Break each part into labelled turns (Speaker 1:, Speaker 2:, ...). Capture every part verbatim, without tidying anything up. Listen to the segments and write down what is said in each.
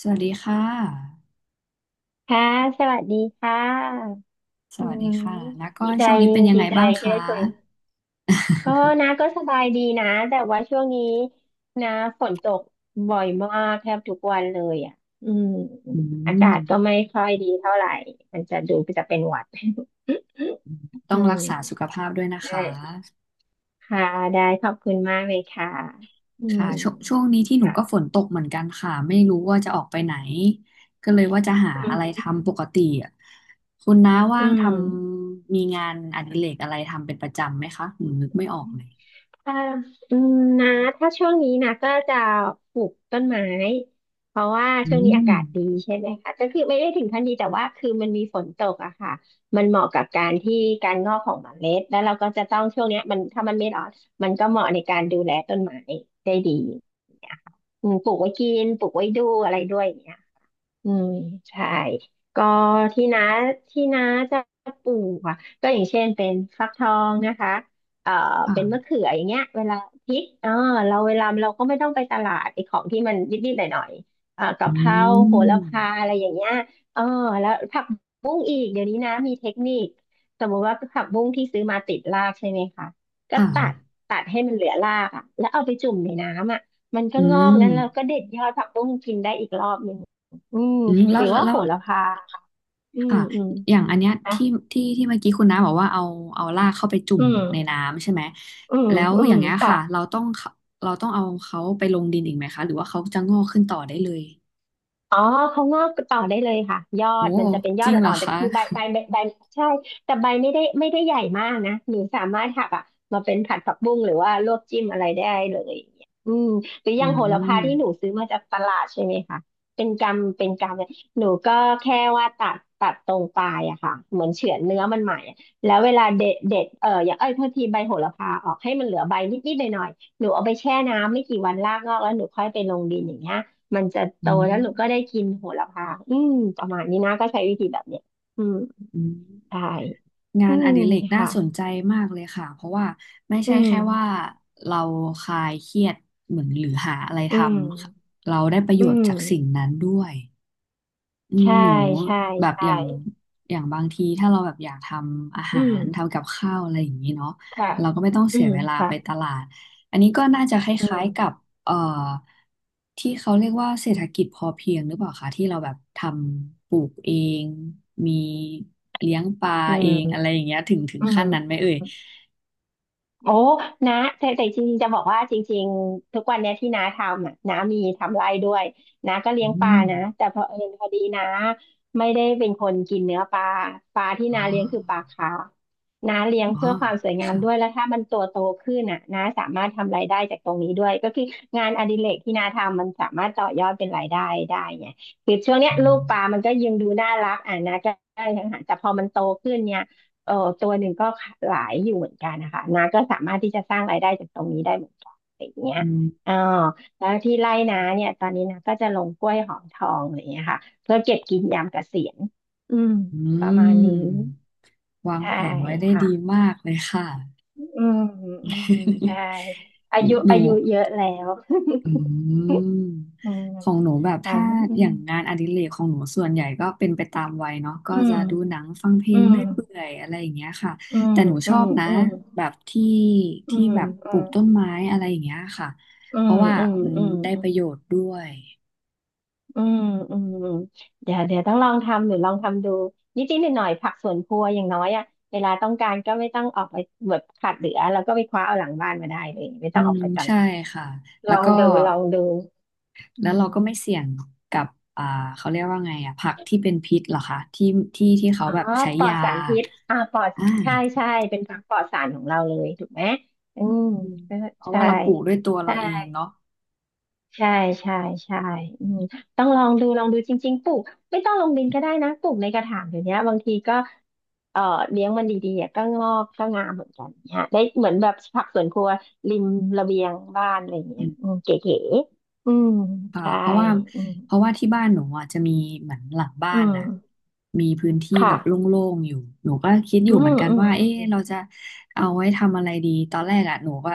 Speaker 1: สวัสดีค่ะ
Speaker 2: ค่ะสวัสดีค่ะ
Speaker 1: ส
Speaker 2: อื
Speaker 1: วัสดี
Speaker 2: ม
Speaker 1: ค่ะ
Speaker 2: ม
Speaker 1: แล้วก็
Speaker 2: ดีใจ
Speaker 1: ช่วงนี้เป็นยัง
Speaker 2: ดี
Speaker 1: ไง
Speaker 2: ใจ
Speaker 1: บ้าง
Speaker 2: เจอ
Speaker 1: คะ
Speaker 2: คุย ก็นะ ก็สบายดีนะ แต่ว่าช่วงนี้นะฝนตกบ่อยมากแทบทุกวันเลยอ่ะอืม
Speaker 1: อื
Speaker 2: อากา
Speaker 1: ม
Speaker 2: ศก็ไม่ค่อยดีเท่าไหร่ มันจะดูจะเป็นหวัด
Speaker 1: ต้อ
Speaker 2: อื
Speaker 1: งรัก
Speaker 2: ม
Speaker 1: ษาสุขภาพด้วยนะ
Speaker 2: ได
Speaker 1: คะ
Speaker 2: ้ค่ะได้ขอบคุณมากเลยค่ะอื
Speaker 1: ค่ะ
Speaker 2: ม
Speaker 1: ช่วงช่วงนี้ที่หนู
Speaker 2: ค่ะ
Speaker 1: ก็ฝนตกเหมือนกันค่ะไม่รู้ว่าจะออกไปไหนก็เลยว่าจะหา
Speaker 2: อื
Speaker 1: อะไร
Speaker 2: ม
Speaker 1: ทำปกติอะคุณน้า
Speaker 2: อ
Speaker 1: ว่างท
Speaker 2: ื
Speaker 1: ำมีงานอดิเรกอะไรทำเป็นประจำไหมคะหนูนึกไม่ออก
Speaker 2: ม
Speaker 1: เลย
Speaker 2: เอ่ออืมนะถ้าช่วงนี้นะก็จะปลูกต้นไม้ เพราะว่า
Speaker 1: อื
Speaker 2: ช่วงนี้อา
Speaker 1: ม
Speaker 2: กาศดีใช่ไหมคะก็คือไม่ได้ถึงขั้นดีแต่ว่าคือมันมีฝนตกอะค่ะมันเหมาะกับการที่การงอกของเมล็ดแล้วเราก็จะต้องช่วงเนี้ยมันถ้ามันไม่ร้อนมันก็เหมาะ ในการดูแลต้นไม้ได้ดีเนี่ยค่ะอืมปลูกไว้กินปลูกไว้ดูอะไรด้วยเนี่ย อืมใช่ก็ที่น้าที่น้าจะปลูกอ่ะก็อย่างเช่นเป็นฟักทองนะคะเอ่อเป็นมะ
Speaker 1: ค่ะ
Speaker 2: เขืออย่างเงี้ยเวลาพริกเออเราเวลาเราก็ไม่ต้องไปตลาดไอ้ของที่มันนิดๆหน่อยๆเอ่อ
Speaker 1: อื
Speaker 2: กะเพราโห
Speaker 1: ม
Speaker 2: ระพาอะไรอย่างเงี้ยเออแล้วผักบุ้งอีกเดี๋ยวนี้นะมีเทคนิคสมมติว่าผักบุ้งที่ซื้อมาติดรากใช่ไหมคะก็
Speaker 1: ค่ะ
Speaker 2: ตัดตัดให้มันเหลือรากอ่ะแล้วเอาไปจุ่มในน้ำอ่ะมันก็
Speaker 1: อื
Speaker 2: งอก
Speaker 1: ม
Speaker 2: แล้วเราก็เด็ดยอดผักบุ้งกินได้อีกรอบหนึ่ง อืม
Speaker 1: อืมแล้
Speaker 2: หรื
Speaker 1: ว
Speaker 2: อ
Speaker 1: แล้ว
Speaker 2: ว่า
Speaker 1: แล้
Speaker 2: โห
Speaker 1: ว
Speaker 2: ระพาอืม
Speaker 1: ค่ะ
Speaker 2: อืม
Speaker 1: อย่างอันเนี้ย
Speaker 2: นะ
Speaker 1: ที่ที่ที่เมื่อกี้คุณน้าบอกว่าเอาเอาลากเข้าไปจุ่
Speaker 2: อื
Speaker 1: ม
Speaker 2: ม
Speaker 1: ในน้ำใช่ไหม
Speaker 2: อืม
Speaker 1: แล้ว
Speaker 2: อื
Speaker 1: อ
Speaker 2: ม
Speaker 1: ย่างเงี้ย
Speaker 2: ค่ะ
Speaker 1: ค่ะเราต้องเราต้องเอาเขาไปลงดินอีกไหมคะหรือว่าเขาจะงอกขึ้นต่อได้เลย
Speaker 2: อ๋อเขางอกต่อได้เลยค่ะยอ
Speaker 1: โอ้
Speaker 2: ดมันจะเป็นย
Speaker 1: จ
Speaker 2: อด
Speaker 1: ริงเหร
Speaker 2: อ่
Speaker 1: อ
Speaker 2: อนๆแต่
Speaker 1: คะ
Speaker 2: คือใบใบใบใบใช่แต่ใบไม่ได้ไม่ได้ใหญ่มากนะหนูสามารถหักอ่ะมาเป็นผัดผักบุ้งหรือว่าลวกจิ้มอะไรได้เลยอย่างเงี้ยอืมหรือ อ
Speaker 1: อื
Speaker 2: ย่างโหระพา
Speaker 1: ม
Speaker 2: ที่หนูซื้อมาจากตลาดใช่ไหมคะเป็นกำเป็นกำเนี่ยหนูก็แค่ว่าตัดตัดตรงปลายอะค่ะเหมือนเฉือนเนื้อมันใหม่อะแล้วเวลาเด็ดเด็ดเอออย่างเอ้ยโทษทีใบโหระพาออกให้มันเหลือใบนิดๆหน่อยๆหนูเอาไปแช่น้ำไม่กี่วันรากงอกแล้วหนูค่อยไปลงดินอย่างเงี้ย มันจะโต
Speaker 1: อื
Speaker 2: แล้วหนูก็ได้
Speaker 1: ม
Speaker 2: กินโหระพาอืมประมาณนี้นะก็ใช้วิธีแบบเนี้ยอืม
Speaker 1: อืม
Speaker 2: ใช่
Speaker 1: งา
Speaker 2: อื
Speaker 1: นอ
Speaker 2: ม
Speaker 1: ดิเรกน่า
Speaker 2: ค่ะ
Speaker 1: สนใจมากเลยค่ะเพราะว่าไม่
Speaker 2: อื
Speaker 1: ใช่
Speaker 2: ม
Speaker 1: แค่ว่าเราคลายเครียดเหมือนหรือหาอะไรท
Speaker 2: อืม
Speaker 1: ำเราได้ประโย
Speaker 2: อื
Speaker 1: ชน์
Speaker 2: ม
Speaker 1: จากสิ่งนั้นด้วย อืม
Speaker 2: ใช่
Speaker 1: หนู
Speaker 2: ใช่
Speaker 1: แบบ
Speaker 2: ใช่
Speaker 1: อย่างอย่างบางทีถ้าเราแบบอยากทำอา
Speaker 2: อื
Speaker 1: หา
Speaker 2: ม
Speaker 1: รทำกับข้าวอะไรอย่างนี้เนาะ
Speaker 2: ค่ะ
Speaker 1: เราก็ไม่ต้อง
Speaker 2: อื
Speaker 1: เสีย
Speaker 2: ม
Speaker 1: เวลา
Speaker 2: ค่ะ
Speaker 1: ไปตลาดอันนี้ก็น่าจะค
Speaker 2: อื
Speaker 1: ล้ายๆกั
Speaker 2: ม
Speaker 1: บเอ่อที่เขาเรียกว่าเศรษฐกิจพอเพียงหรือเปล่าคะที่เราแบบทำปลูกเองมีเลี้ยงปลา
Speaker 2: อื
Speaker 1: เองอะไร
Speaker 2: ม
Speaker 1: อย่างเงี้ยถึงถึง
Speaker 2: อื
Speaker 1: ขั้นนั้นไหม
Speaker 2: ม
Speaker 1: เอ่ย
Speaker 2: โอ้นะแต่แต่จริงๆจะบอกว่าจริงๆทุกวันเนี้ยที่น้าทำอ่ะน้ามีทำไร่ด้วยน้าก็เลี้
Speaker 1: อื
Speaker 2: ยงปลา
Speaker 1: ม
Speaker 2: นะแต่พอเผอิญพอดีน้าไม่ได้เป็นคนกินเนื้อปลา ปลาที่
Speaker 1: อ๋อ
Speaker 2: น้าเลี้ยงคือปลาคาร์ฟน้าเลี้ยง
Speaker 1: อ๋อ
Speaker 2: เพื่อความสวยงาม
Speaker 1: ค่ะ
Speaker 2: ด้วยแล้วถ้ามันตัวโตขึ้นอ่ะน้าสามารถทำรายได้จากตรงนี้ด้วยก็คืองานอดิเรกที่น้าทำมันสามารถต่อยอดเป็นรายได้ได้ไงคือช่วงเนี้ย
Speaker 1: อื
Speaker 2: ลูก
Speaker 1: ม
Speaker 2: ปลามันก็ยังดูน่ารักอ่ะน้าก็ได้ทางหาแต่พอมันโตขึ้นเนี่ย เออตัวหนึ่งก็หลายอยู่เหมือนกันนะคะนาก็สามารถที่จะสร้างรายได้จากตรงนี้ได้เหมือนกันอะไรอย่างเงี้ย
Speaker 1: อืม
Speaker 2: อ่าแล้วที่ไร่นาเนี่ยตอนนี้นาก็จะลงกล้วยหอมทองอะไรอย่างเงี้ยค่ะเพื่อเก็บกินยามเกษียณอืม
Speaker 1: อื
Speaker 2: ประมาณนี้
Speaker 1: มวาง
Speaker 2: ใช่
Speaker 1: แผนไว้ได้
Speaker 2: ค่ะ
Speaker 1: ดีมากเลยค่ะ
Speaker 2: อืมอืมใช่อายุ
Speaker 1: หนู
Speaker 2: อายุเยอะแล้ว
Speaker 1: อืม
Speaker 2: อืม
Speaker 1: ของหนูแบบ
Speaker 2: ค่ะ
Speaker 1: ถ้า
Speaker 2: อื
Speaker 1: อย่างงานอดิเรกของหนูส่วนใหญ่ก็เป็นไปตามวัยเนาะก็
Speaker 2: ม
Speaker 1: จะดูหนังฟังเพล
Speaker 2: อื
Speaker 1: ง
Speaker 2: ม
Speaker 1: เรื่อยเปื่อยอะไรอย่างเงี้ยค่ะ
Speaker 2: อืม
Speaker 1: แต่หนูช
Speaker 2: อื
Speaker 1: อ
Speaker 2: ม
Speaker 1: บนะ
Speaker 2: อืมอืม
Speaker 1: แบบที่
Speaker 2: อื
Speaker 1: ที่แบบปลูก
Speaker 2: ม
Speaker 1: ต้นไม้อะไรอย่างเงี้ยค่ะ
Speaker 2: อื
Speaker 1: เพ
Speaker 2: ม
Speaker 1: ราะว่า
Speaker 2: อืม
Speaker 1: มัน
Speaker 2: อืม
Speaker 1: ได้
Speaker 2: อื
Speaker 1: ป
Speaker 2: ม
Speaker 1: ระ
Speaker 2: อืม
Speaker 1: โยชน์ด้วย
Speaker 2: อืมอืมอืมเดี๋ยวเดี๋ยวต้องลองทำหรือลองทำดูนิดนิดหน่อยหน่อยผักสวนครัวอย่างน้อยอะเวลาต้องการก็ไม่ต้องออกไปแบบขาดเหลือแล้วก็ไปคว้าเอาหลังบ้านมาได้เลยไม่
Speaker 1: อื
Speaker 2: ต้องออ
Speaker 1: ม
Speaker 2: กไปต
Speaker 1: ใช่
Speaker 2: ลาด
Speaker 1: ค่ะ
Speaker 2: ล
Speaker 1: แล้
Speaker 2: อ
Speaker 1: ว
Speaker 2: ง
Speaker 1: ก็
Speaker 2: ดูลองดูอื
Speaker 1: แล้ว
Speaker 2: ม
Speaker 1: เราก็ไม่เสี่ยงกับอ่าเขาเรียกว่าไงอ่ะผักที่เป็นพิษเหรอคะที่ที่ที่เขา
Speaker 2: อ๋อ
Speaker 1: แบบใช้
Speaker 2: ปลอด
Speaker 1: ยา
Speaker 2: สารพิษอ่าปลอด
Speaker 1: อ่
Speaker 2: ใช่
Speaker 1: า
Speaker 2: ใช่เป็นผักปลอดสารของเราเลยถูกไหมอืม
Speaker 1: อืม
Speaker 2: ใช่
Speaker 1: เพราะว่าเราปลูกด้วยตัวเรา
Speaker 2: ใช่
Speaker 1: เองเนาะ
Speaker 2: ใช่ใช่ใช่อืมต้องลองดูลองดูจริงๆปลูกไม่ต้องลงดินก็ได้นะปลูกในกระถางเดี๋ยวนี้บางทีก็เอ่อเลี้ยงมันดีๆอะก็งอกก็งามเหมือนกันเนี่ยได้เหมือนแบบผักสวนครัวริมระเบียงบ้านอะไรอย่างเงี้ย
Speaker 1: อื
Speaker 2: อืมเก๋ๆอืม
Speaker 1: อ่า
Speaker 2: ใช่
Speaker 1: เพราะว่า
Speaker 2: อืม
Speaker 1: เพราะว่าที่บ้านหนูอ่ะจะมีเหมือนหลังบ้า
Speaker 2: อื
Speaker 1: น
Speaker 2: ม
Speaker 1: นะมีพื้นที่แบ
Speaker 2: ค่ะ
Speaker 1: บโล่งๆอยู่หนูก็คิดอ
Speaker 2: อื
Speaker 1: ยู่เหมื
Speaker 2: ม
Speaker 1: อนกัน
Speaker 2: อืม
Speaker 1: ว่าเอ๊ะเราจะเอาไว้ทำอะไรดีตอนแรกอ่ะหนูก็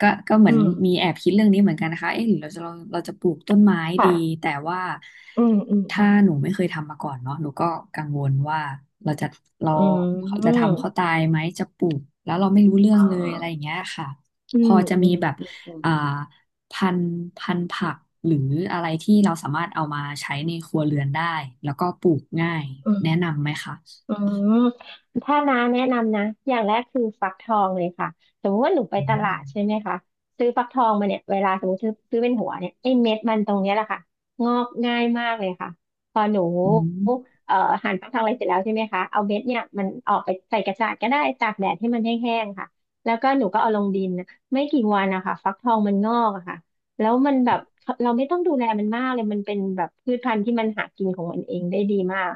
Speaker 1: ก็ก็เหมื
Speaker 2: อื
Speaker 1: อน
Speaker 2: ม
Speaker 1: มีแอบคิดเรื่องนี้เหมือนกันนะคะเอ๊ะหรือเราจะเราเราจะปลูกต้นไม้
Speaker 2: ค่ะ
Speaker 1: ดีแต่ว่า
Speaker 2: อืมอืมอื
Speaker 1: ถ้า
Speaker 2: ม
Speaker 1: หนูไม่เคยทำมาก่อนเนาะหนูก็กังวลว่าเราจะเรา
Speaker 2: อื
Speaker 1: จะทำเขา
Speaker 2: ม
Speaker 1: ตายไหมจะปลูกแล้วเราไม่รู้เรื่อ
Speaker 2: อ๋
Speaker 1: ง
Speaker 2: อ
Speaker 1: เลยอะไรอย่างเงี้ยค่ะ
Speaker 2: อื
Speaker 1: พอ
Speaker 2: ม
Speaker 1: จะ
Speaker 2: อื
Speaker 1: มี
Speaker 2: ม
Speaker 1: แบบ
Speaker 2: อืม
Speaker 1: อ่า พันธุ์พันธุ์ผักหรืออะไรที่เราสามารถเอามาใช้ในครัวเรือนได้แล้วก็ปลูกง่าย
Speaker 2: อืม
Speaker 1: แนะนำไหมคะ
Speaker 2: อืมถ้าน้าแนะนำนะอย่างแรกคือฟักทองเลยค่ะสมมติว่าหนูไป
Speaker 1: อื
Speaker 2: ตลาดใช่
Speaker 1: ม
Speaker 2: ไหมคะซื้อฟักทองมาเนี่ยเวลาสมมติซื้อซื้อเป็นหัวเนี่ยไอ้เม็ดมันตรงเนี้ยแหละค่ะงอกง่ายมากเลยค่ะพอหนู
Speaker 1: อืม
Speaker 2: เอ่อหั่นฟักทองอะไรเสร็จแล้วใช่ไหมคะเอาเม็ดเนี่ยมันออกไปใส่กระจาดก็ได้ตากแดดให้มันแห้งๆค่ะแล้วก็หนูก็เอาลงดินนะไม่กี่วันนะคะฟักทองมันงอกอะค่ะแล้วมันแบบเราไม่ต้องดูแลมันมากเลยมันเป็นแบบพืชพันธุ์ที่มันหากินของมันเองได้ดีมาก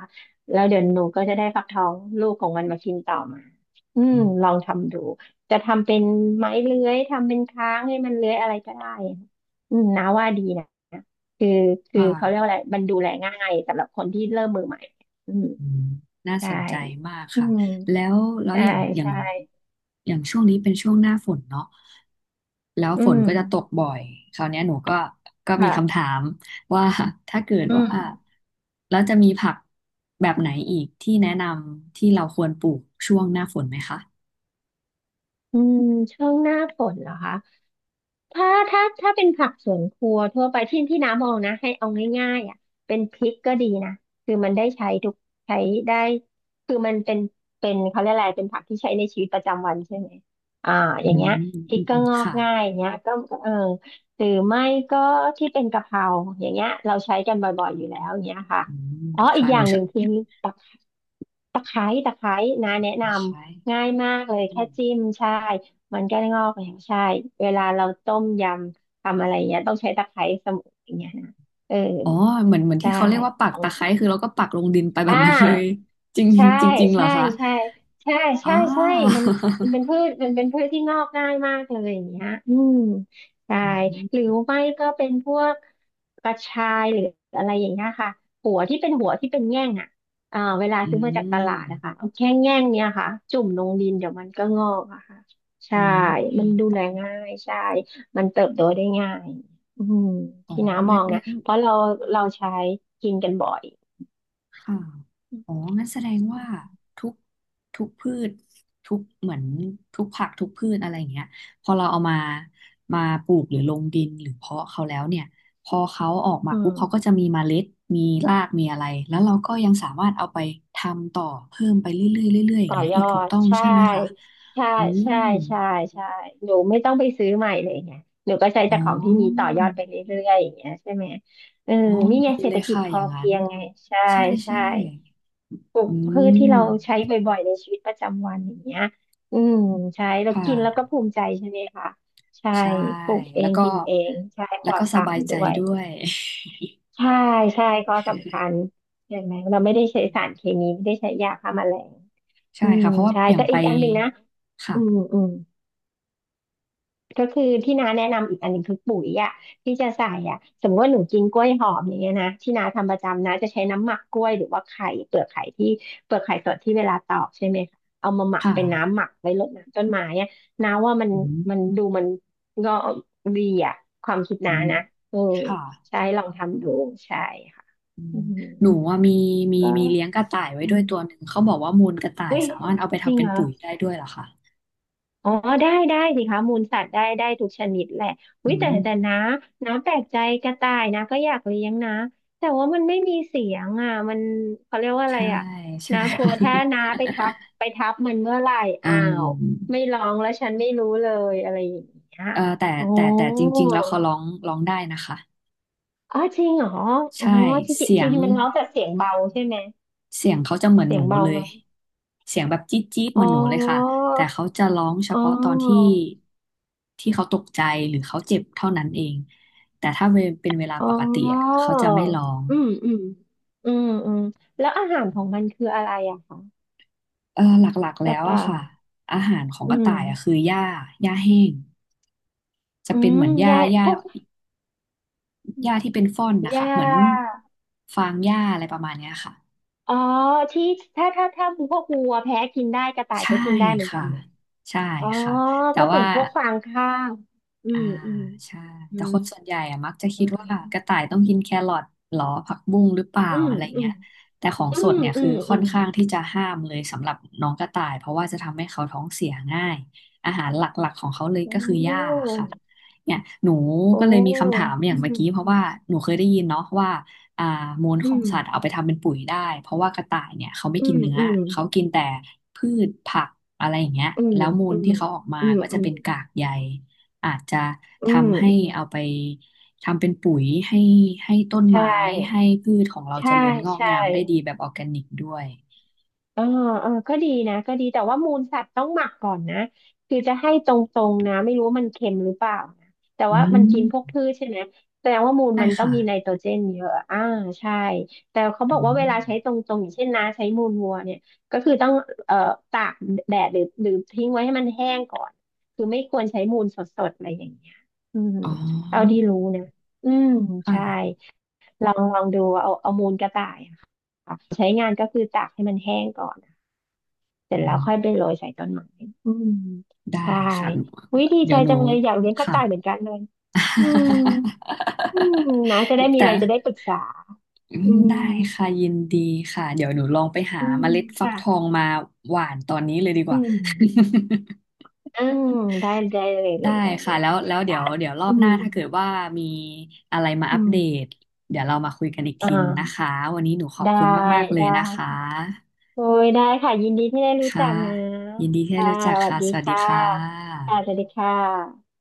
Speaker 2: แล้วเดี๋ยวหนูก็จะได้ฟักทองลูกของมันมากินต่อมาอืม
Speaker 1: อื
Speaker 2: ลอง
Speaker 1: ม
Speaker 2: ทำดูจะทำเป็นไม้เลื้อยทำเป็นค้างให้มันเลื้อยอะไรก็ได้อะอืมนาว่าดีนะคือ
Speaker 1: ค
Speaker 2: คือเขาเรียกว่า
Speaker 1: ่ะ
Speaker 2: อะไรมันดูแลง่ายสำหรับคนที่เริ่มมือใหม่อืม
Speaker 1: อืมน่า
Speaker 2: ใช่
Speaker 1: สนใจมาก
Speaker 2: อื
Speaker 1: ค่ะ
Speaker 2: ม
Speaker 1: แล้วแล้ว
Speaker 2: ใช่
Speaker 1: อย่างอย่าง
Speaker 2: ใช่
Speaker 1: อย่างช่วงนี้เป็นช่วงหน้าฝนเนาะแล้ว
Speaker 2: อื
Speaker 1: ฝน
Speaker 2: ม
Speaker 1: ก็จะตกบ่อยคราวเนี้ยหนูก็ก็มีคำ
Speaker 2: ค่ะ
Speaker 1: ถามว่า ถ้าเกิด
Speaker 2: อืม
Speaker 1: ว่าแล้วจะมีผักแบบไหนอีกที่แนะนำที่เราควรปลูกช่วงหน้าฝนไหมคะ
Speaker 2: อืมช่วงหน้าฝนเหรอคะ ถ้าถ้าถ้าเป็นผักสวนครัวทั่วไปที่ที่น้ำมองนะให้เอาง่ายๆอ่ะเป็นพริกก็ดีนะคือมันได้ใช้ทุกใช้ได้คือมันเป็นเป็นเขาเรียกอะไรเป็นผักที่ใช้ในชีวิตประจำวันใช่ไหมอ่า
Speaker 1: อื
Speaker 2: อย่าง
Speaker 1: ม
Speaker 2: เงี้ย
Speaker 1: อื
Speaker 2: พริก
Speaker 1: ม
Speaker 2: ก็
Speaker 1: อืม
Speaker 2: งอก
Speaker 1: ค่ะ
Speaker 2: ง่ายอย่างเงี้ยก็เออหรือไม่ก็ที่เป็นกะเพราอย่างเงี้ยเราใช้กันบ่อยๆอยู่แล้วอย่างเงี้ยค่ะ
Speaker 1: อืม
Speaker 2: อ๋ออี
Speaker 1: ค่ะ
Speaker 2: กอ
Speaker 1: หนู
Speaker 2: ย่างห
Speaker 1: ชอ
Speaker 2: นึ่
Speaker 1: บ
Speaker 2: งคือตะไคร้ตะไคร้ตะไคร้นะแนะน
Speaker 1: ตะไคร้
Speaker 2: ำง่ายมากเลย
Speaker 1: อื
Speaker 2: แค่
Speaker 1: ม
Speaker 2: จิ้มใช่ มันก็งอกอย่างใช่ เวลาเราต้มยำทำอะไรเงี้ยต้องใช้ตะไคร้เสมุนอย่างเงี้ยนะเออ
Speaker 1: อ๋อ เหมือน เหมือนที่
Speaker 2: ได้
Speaker 1: เขาเรียกว่าปั
Speaker 2: ข
Speaker 1: ก
Speaker 2: อ
Speaker 1: ตะไคร้
Speaker 2: ง
Speaker 1: คือเราก็ปักลงดินไปแบ
Speaker 2: อ่
Speaker 1: บนั้นเลย
Speaker 2: า
Speaker 1: จริง
Speaker 2: ใช่
Speaker 1: จริงจริงเหรอ
Speaker 2: ใช่
Speaker 1: คะ
Speaker 2: ใช่ใช่ใช่
Speaker 1: อ่า
Speaker 2: ใช่ มันมันเป็นพืชมันเป็นพืชที่งอกง่ายมากเลยอย่างเงี้ยอืม ใช่
Speaker 1: อื
Speaker 2: หรือ
Speaker 1: ม
Speaker 2: ไม่ก็เป็นพวกกระชายหรืออะไรอย่างเงี้ยค่ะหัวที่เป็นหัวที่เป็นแง่งอ่ะอ่าเวลา
Speaker 1: อื
Speaker 2: ซื้อมาจากต
Speaker 1: ม
Speaker 2: ลาดนะคะเอาแค่แง่งเนี่ยค่ะจุ่มลงดินเดี๋ยวมันก็งอกอะค่ะใช่
Speaker 1: อืม
Speaker 2: มันดูแลง่ายใช่มันเติบโตได้ง่ายอืม
Speaker 1: อ๋อ
Speaker 2: ที่น้าม
Speaker 1: งั้
Speaker 2: อ
Speaker 1: น
Speaker 2: งนะ
Speaker 1: งั้น
Speaker 2: เพราะเราเราใช้กินกันบ่อย
Speaker 1: ค่ะอ๋องั้นแสดงว่าทุกทุกพืชทุกเหมือนทุกผักทุกพืชอะไรอย่างเงี้ยพอเราเอามามาปลูกหรือลงดินหรือเพาะเขาแล้วเนี่ยพอเขาออกมา
Speaker 2: อื
Speaker 1: ปุ๊บ
Speaker 2: ม
Speaker 1: เขาก็จะมีเมล็ดมีรากมีอะไรแล้วเราก็ยังสามารถเอาไปทำต่อเพิ่มไปเรื่อยๆเรื่อยๆอย่าง
Speaker 2: ต่อ
Speaker 1: เงี้ย
Speaker 2: ย
Speaker 1: อี
Speaker 2: อ
Speaker 1: กถูก
Speaker 2: ด
Speaker 1: ต้อง
Speaker 2: ใช่
Speaker 1: ใช่ไหมคะ
Speaker 2: ใช่
Speaker 1: อืม
Speaker 2: ใช่ใช่ใช่หนูไม่ต้องไปซื้อใหม่เลยไงหนูก็ใช้
Speaker 1: อ๋
Speaker 2: จา
Speaker 1: อ
Speaker 2: กของที่มีต่อยอดไปเรื่อยๆอย่างเงี้ยใช่ไหมเออ
Speaker 1: อ๋อ
Speaker 2: นี่ไง
Speaker 1: ดี
Speaker 2: เศร
Speaker 1: เล
Speaker 2: ษฐ
Speaker 1: ย
Speaker 2: กิจ
Speaker 1: ค่ะ
Speaker 2: พ
Speaker 1: อ
Speaker 2: อ
Speaker 1: ย่างนั้
Speaker 2: เพี
Speaker 1: น
Speaker 2: ยงไงใช่
Speaker 1: ใช่
Speaker 2: ใช่
Speaker 1: ใช่
Speaker 2: ปลูก
Speaker 1: อื
Speaker 2: พืชที่เรา
Speaker 1: ม
Speaker 2: ใช้บ่อยๆในชีวิตประจำวันอย่างเงี้ยอืมใช่เรา
Speaker 1: ค่ะ
Speaker 2: กินแล้วก็ภูมิใจใช่ไหมคะใช่
Speaker 1: ใช่
Speaker 2: ปลูกเอ
Speaker 1: แล้ว
Speaker 2: ง
Speaker 1: ก็
Speaker 2: กินเองใช่ป
Speaker 1: แล้
Speaker 2: ล
Speaker 1: ว
Speaker 2: อ
Speaker 1: ก็
Speaker 2: ด
Speaker 1: ส
Speaker 2: สา
Speaker 1: บา
Speaker 2: ร
Speaker 1: ยใจ
Speaker 2: ด้วย
Speaker 1: ด้วย
Speaker 2: ใช่ใช่ก็สำคัญเห็นไหมเราไม่ได้ใช้
Speaker 1: อื
Speaker 2: สาร
Speaker 1: ม
Speaker 2: เคมีไม่ได้ใช้ยาฆ่าแมลง
Speaker 1: ใช่
Speaker 2: อืม
Speaker 1: ค่ะเพราะว่า
Speaker 2: ใช่
Speaker 1: อย่าง
Speaker 2: แต่
Speaker 1: ไป
Speaker 2: อีกอันหนึ่งนะอืม
Speaker 1: ค่ะ
Speaker 2: อืม ก็คือที่น้าแนะนำอีกอันหนึงคือปุ๋ยอ่ะที่จะใส่อ่ะสมมติว่าหนูกินกล้วยหอมอย่างเงี้ยนะที่น้าทำประจำนะจะใช้น้ำหมักกล้วยหรือว่าไข่เปลือกไข่ที่เปลือกไข่สดที่เวลาตอกใช่ไหมคะเอามาหมัก
Speaker 1: ค่ะ
Speaker 2: เป็นน้ำหมักไว้รดน้ำต้นไม้อ่ะน้าว่ามัน
Speaker 1: อืม
Speaker 2: มันดูมันก็ดีอ่ะความคิด
Speaker 1: อื
Speaker 2: น้า
Speaker 1: ม
Speaker 2: นะเออ
Speaker 1: ค่ะ
Speaker 2: ใช่ลองทำดูใช่ค่ะ
Speaker 1: อื
Speaker 2: อื
Speaker 1: ม
Speaker 2: ม
Speaker 1: หนูว่ามีมี
Speaker 2: ก็ก็
Speaker 1: มีเลี้ยงกระต่ายไว้
Speaker 2: อื
Speaker 1: ด้ว
Speaker 2: ม
Speaker 1: ยตัวหนึ่งเขาบอกว่ามูลกระต่าย
Speaker 2: อุ้ย
Speaker 1: สามารถเอาไป
Speaker 2: จริ
Speaker 1: ทำ
Speaker 2: ง
Speaker 1: เป็น
Speaker 2: เหรอ
Speaker 1: ปุ๋ยได้ด้วยเหรอคะ
Speaker 2: อ๋อได้ได้สิคะมูลสัตว์ได้ได้ทุกชนิดแหละว
Speaker 1: อื
Speaker 2: ยแต่
Speaker 1: ม
Speaker 2: แต่นะน้าแปลกใจกระต่ายนะก็อยากเลี้ยงนะแต่ว่ามันไม่มีเสียงอ่ะมันเขาเรียกว่าอะไร
Speaker 1: ใช่
Speaker 2: อ่ะ
Speaker 1: ใช่
Speaker 2: นา กลั
Speaker 1: ค่
Speaker 2: วถ้า
Speaker 1: ะ
Speaker 2: นาไปทับไปทับมันเมื่อไหร่
Speaker 1: อื
Speaker 2: อ้าว
Speaker 1: ม
Speaker 2: ไม่ร้องแล้วฉันไม่รู้เลยอะไรอย่างเงี้ย
Speaker 1: เออแต่
Speaker 2: โอ้
Speaker 1: แต่แต่จริงๆแล้วเขาร้องร้องได้นะคะ
Speaker 2: อ๋อจริงเหรออ๋อ
Speaker 1: ใช่
Speaker 2: จริง
Speaker 1: เสี
Speaker 2: ๆจ
Speaker 1: ย
Speaker 2: ริ
Speaker 1: ง
Speaker 2: งๆมันร้องแต่เสียงเบาใช่ไหม
Speaker 1: เสียงเขาจะเหมือน
Speaker 2: เสี
Speaker 1: ห
Speaker 2: ย
Speaker 1: นู
Speaker 2: งเบา
Speaker 1: เล
Speaker 2: ไห
Speaker 1: ย
Speaker 2: ม
Speaker 1: เสียงแบบจี๊ดจี๊ดเห
Speaker 2: อ๋
Speaker 1: มือ
Speaker 2: อ
Speaker 1: นหนูเลยค่ะแต่เขาจะร้องเฉ
Speaker 2: อ๋อ
Speaker 1: พาะตอนที่ที่เขาตกใจหรือเขาเจ็บเท่านั้นเองแต่ถ้าเวเป็นเวลา
Speaker 2: อ๋
Speaker 1: ปกติอะ
Speaker 2: อ
Speaker 1: เขาจะไม่ร้อง
Speaker 2: อืมอืมอืมอืมแล้วอาหารของมันคืออะไรอะคะ
Speaker 1: เออหลักๆ
Speaker 2: ก
Speaker 1: แล้
Speaker 2: ระ
Speaker 1: วอะ
Speaker 2: ต่าย
Speaker 1: ค่ะอาหารของ
Speaker 2: อื
Speaker 1: กระต่า
Speaker 2: ม
Speaker 1: ยอะคือหญ้าหญ้าแห้งจะ
Speaker 2: อื
Speaker 1: เป็น
Speaker 2: ม
Speaker 1: เหมือนหญ้า
Speaker 2: แย่
Speaker 1: หญ้า
Speaker 2: พวก
Speaker 1: หญ้าที่เป็นฟ่อน
Speaker 2: ห
Speaker 1: นะ
Speaker 2: ญ้
Speaker 1: คะเหมือน
Speaker 2: า
Speaker 1: ฟางหญ้าอะไรประมาณเนี้ยค่ะ
Speaker 2: อ๋อที่ถ้าถ้าถ้าพวกวัวแพ้กินได้กระต่าย
Speaker 1: ใช่
Speaker 2: ก็กินได้เหมือนกั
Speaker 1: ค่ะ
Speaker 2: นไหม
Speaker 1: ใช่
Speaker 2: อ๋อ
Speaker 1: ค่ะแต่
Speaker 2: ก็เหมือ
Speaker 1: ว่า
Speaker 2: นพวกฟางข้าวอื
Speaker 1: อ่า
Speaker 2: มอืม
Speaker 1: ใช่
Speaker 2: อื
Speaker 1: แต่
Speaker 2: ม
Speaker 1: คนส่วนใหญ่อะมักจะคิ
Speaker 2: อื
Speaker 1: ดว่ากระ
Speaker 2: ม
Speaker 1: ต่ายต้องกินแครอทหรอผักบุ้งหรือเปล่า
Speaker 2: อืม
Speaker 1: อะไร
Speaker 2: อืม
Speaker 1: เงี้ยแต่ของ
Speaker 2: อื
Speaker 1: ส
Speaker 2: ม
Speaker 1: ดเนี่ย
Speaker 2: อื
Speaker 1: คือ
Speaker 2: มอื
Speaker 1: ค่อน
Speaker 2: ม
Speaker 1: ข้างที่จะห้ามเลยสำหรับน้องกระต่ายเพราะว่าจะทำให้เขาท้องเสียง่ายอาหารหลักๆของเขาเลย
Speaker 2: โ
Speaker 1: ก็คือหญ้า
Speaker 2: อ้
Speaker 1: ค่ะเนี่ยหนู
Speaker 2: โอ้
Speaker 1: ก็เลยมีคำถามอย่า
Speaker 2: อื
Speaker 1: ง
Speaker 2: ม
Speaker 1: เมื่อกี้เพ
Speaker 2: อื
Speaker 1: ราะ
Speaker 2: ม
Speaker 1: ว่าหนูเคยได้ยินเนาะว่าอ่ามูล
Speaker 2: อื
Speaker 1: ของ
Speaker 2: ม
Speaker 1: สัตว์เอาไปทำเป็นปุ๋ยได้เพราะว่ากระต่ายเนี่ยเขาไม่
Speaker 2: อื
Speaker 1: กิน
Speaker 2: ม
Speaker 1: เนื้อ
Speaker 2: อืม
Speaker 1: เขากินแต่พืชผักอะไรอย่างเงี้ย
Speaker 2: อืม
Speaker 1: แล้วมู
Speaker 2: อื
Speaker 1: ล
Speaker 2: ม
Speaker 1: ที่เขาออกมา
Speaker 2: อืม
Speaker 1: ก็
Speaker 2: อื
Speaker 1: จะ
Speaker 2: ม
Speaker 1: เป็นกากใย อาจจะ
Speaker 2: อืม
Speaker 1: ทำให้
Speaker 2: อืม
Speaker 1: เอาไปทำเป็นปุ๋ยให้ให้ต้น
Speaker 2: ใช่
Speaker 1: ไม้ให้พืชของเราเจ
Speaker 2: ใช่
Speaker 1: ริญงอก
Speaker 2: ใช่
Speaker 1: งามได้ดีแบบออร์แกนิกด้วย
Speaker 2: เออเออก็ดีนะก็ดีแต่ว่ามูลสัตว์ต้องหมักก่อนนะคือจะให้ตรงๆนะไม่รู้ว่ามันเค็มหรือเปล่านะแต่
Speaker 1: อื
Speaker 2: ว่ามันกินพวก
Speaker 1: ม
Speaker 2: พืชใช่ไหมแสดงว่ามูล
Speaker 1: ได้
Speaker 2: มันต้อง
Speaker 1: ค่ะ
Speaker 2: มีไนโตรเจนเยอะอ่าใช่แต่เขาบ
Speaker 1: อื
Speaker 2: อกว่าเว
Speaker 1: ม
Speaker 2: ลาใช้ตรงๆอย่างเช่นนะใช้มูลวัวเนี่ยก็คือต้องเอ่อตากแดดหรือหรือทิ้งไว้ให้มันแห้งก่อนคือไม่ควรใช้มูลสดๆอะไรอย่างเงี้ยอืม
Speaker 1: อ๋
Speaker 2: เท่า
Speaker 1: อ
Speaker 2: ที่รู้นะอืม
Speaker 1: ค่ะ
Speaker 2: ใช่ ลองลองดูเอาเอามูลกระต่ายอะค่ะใช้งานก็คือตากให้มันแห้งก่อน เสร็
Speaker 1: อื
Speaker 2: จแล้ว
Speaker 1: ม
Speaker 2: ค่อยไปโรยใส่ต้นไม้อืม
Speaker 1: ได้
Speaker 2: ใช่
Speaker 1: ค่ะ
Speaker 2: วิดี
Speaker 1: เดี๋
Speaker 2: ใจ
Speaker 1: ยวหนู
Speaker 2: จังเลยอยากเลี้ยงกระ
Speaker 1: ค่ะ
Speaker 2: ต่ายเหมือนกันเลยอืมอืมนะจะได้ มี
Speaker 1: แต่
Speaker 2: อะไรจะได้ปรึกษา
Speaker 1: อื
Speaker 2: อื
Speaker 1: ม
Speaker 2: ม
Speaker 1: ได้ค่ะยินดีค่ะเดี๋ยวหนูลองไปหา
Speaker 2: อืม
Speaker 1: เมล็ดฟักทอ
Speaker 2: ค่ะ
Speaker 1: งมาหว่านตอนนี้เลยดีก
Speaker 2: อื
Speaker 1: ว่า
Speaker 2: ม อืมได้ได้เลยเล
Speaker 1: ได้
Speaker 2: ยได้เล
Speaker 1: ค่ะ
Speaker 2: ย
Speaker 1: แล้วแล้วเดี๋
Speaker 2: จ้ะ
Speaker 1: ยวเดี๋ยวรอ
Speaker 2: อื
Speaker 1: บห
Speaker 2: ม
Speaker 1: น้าถ้าเกิดว่ามีอะไรมา
Speaker 2: อื
Speaker 1: อัป
Speaker 2: ม
Speaker 1: เดตเดี๋ยวเรามาคุยกันอีก
Speaker 2: อ่
Speaker 1: ทีหนึงนะคะ
Speaker 2: า
Speaker 1: วันนี้หนูขอบ
Speaker 2: ได้
Speaker 1: คุณมากๆเลย
Speaker 2: ได้
Speaker 1: นะคะ
Speaker 2: ค่ะ โอ้ยได้ค่ะ ยินดีที่ได้รู้จั
Speaker 1: ค่ะ
Speaker 2: กนะ
Speaker 1: ยินดีที่ได้
Speaker 2: ค่ะ
Speaker 1: รู้จัก
Speaker 2: สวัส
Speaker 1: ค่ะ
Speaker 2: ดี
Speaker 1: สวัสดี
Speaker 2: ค่ะ
Speaker 1: ค่ะ
Speaker 2: ค่ะสวัสดีค่ะ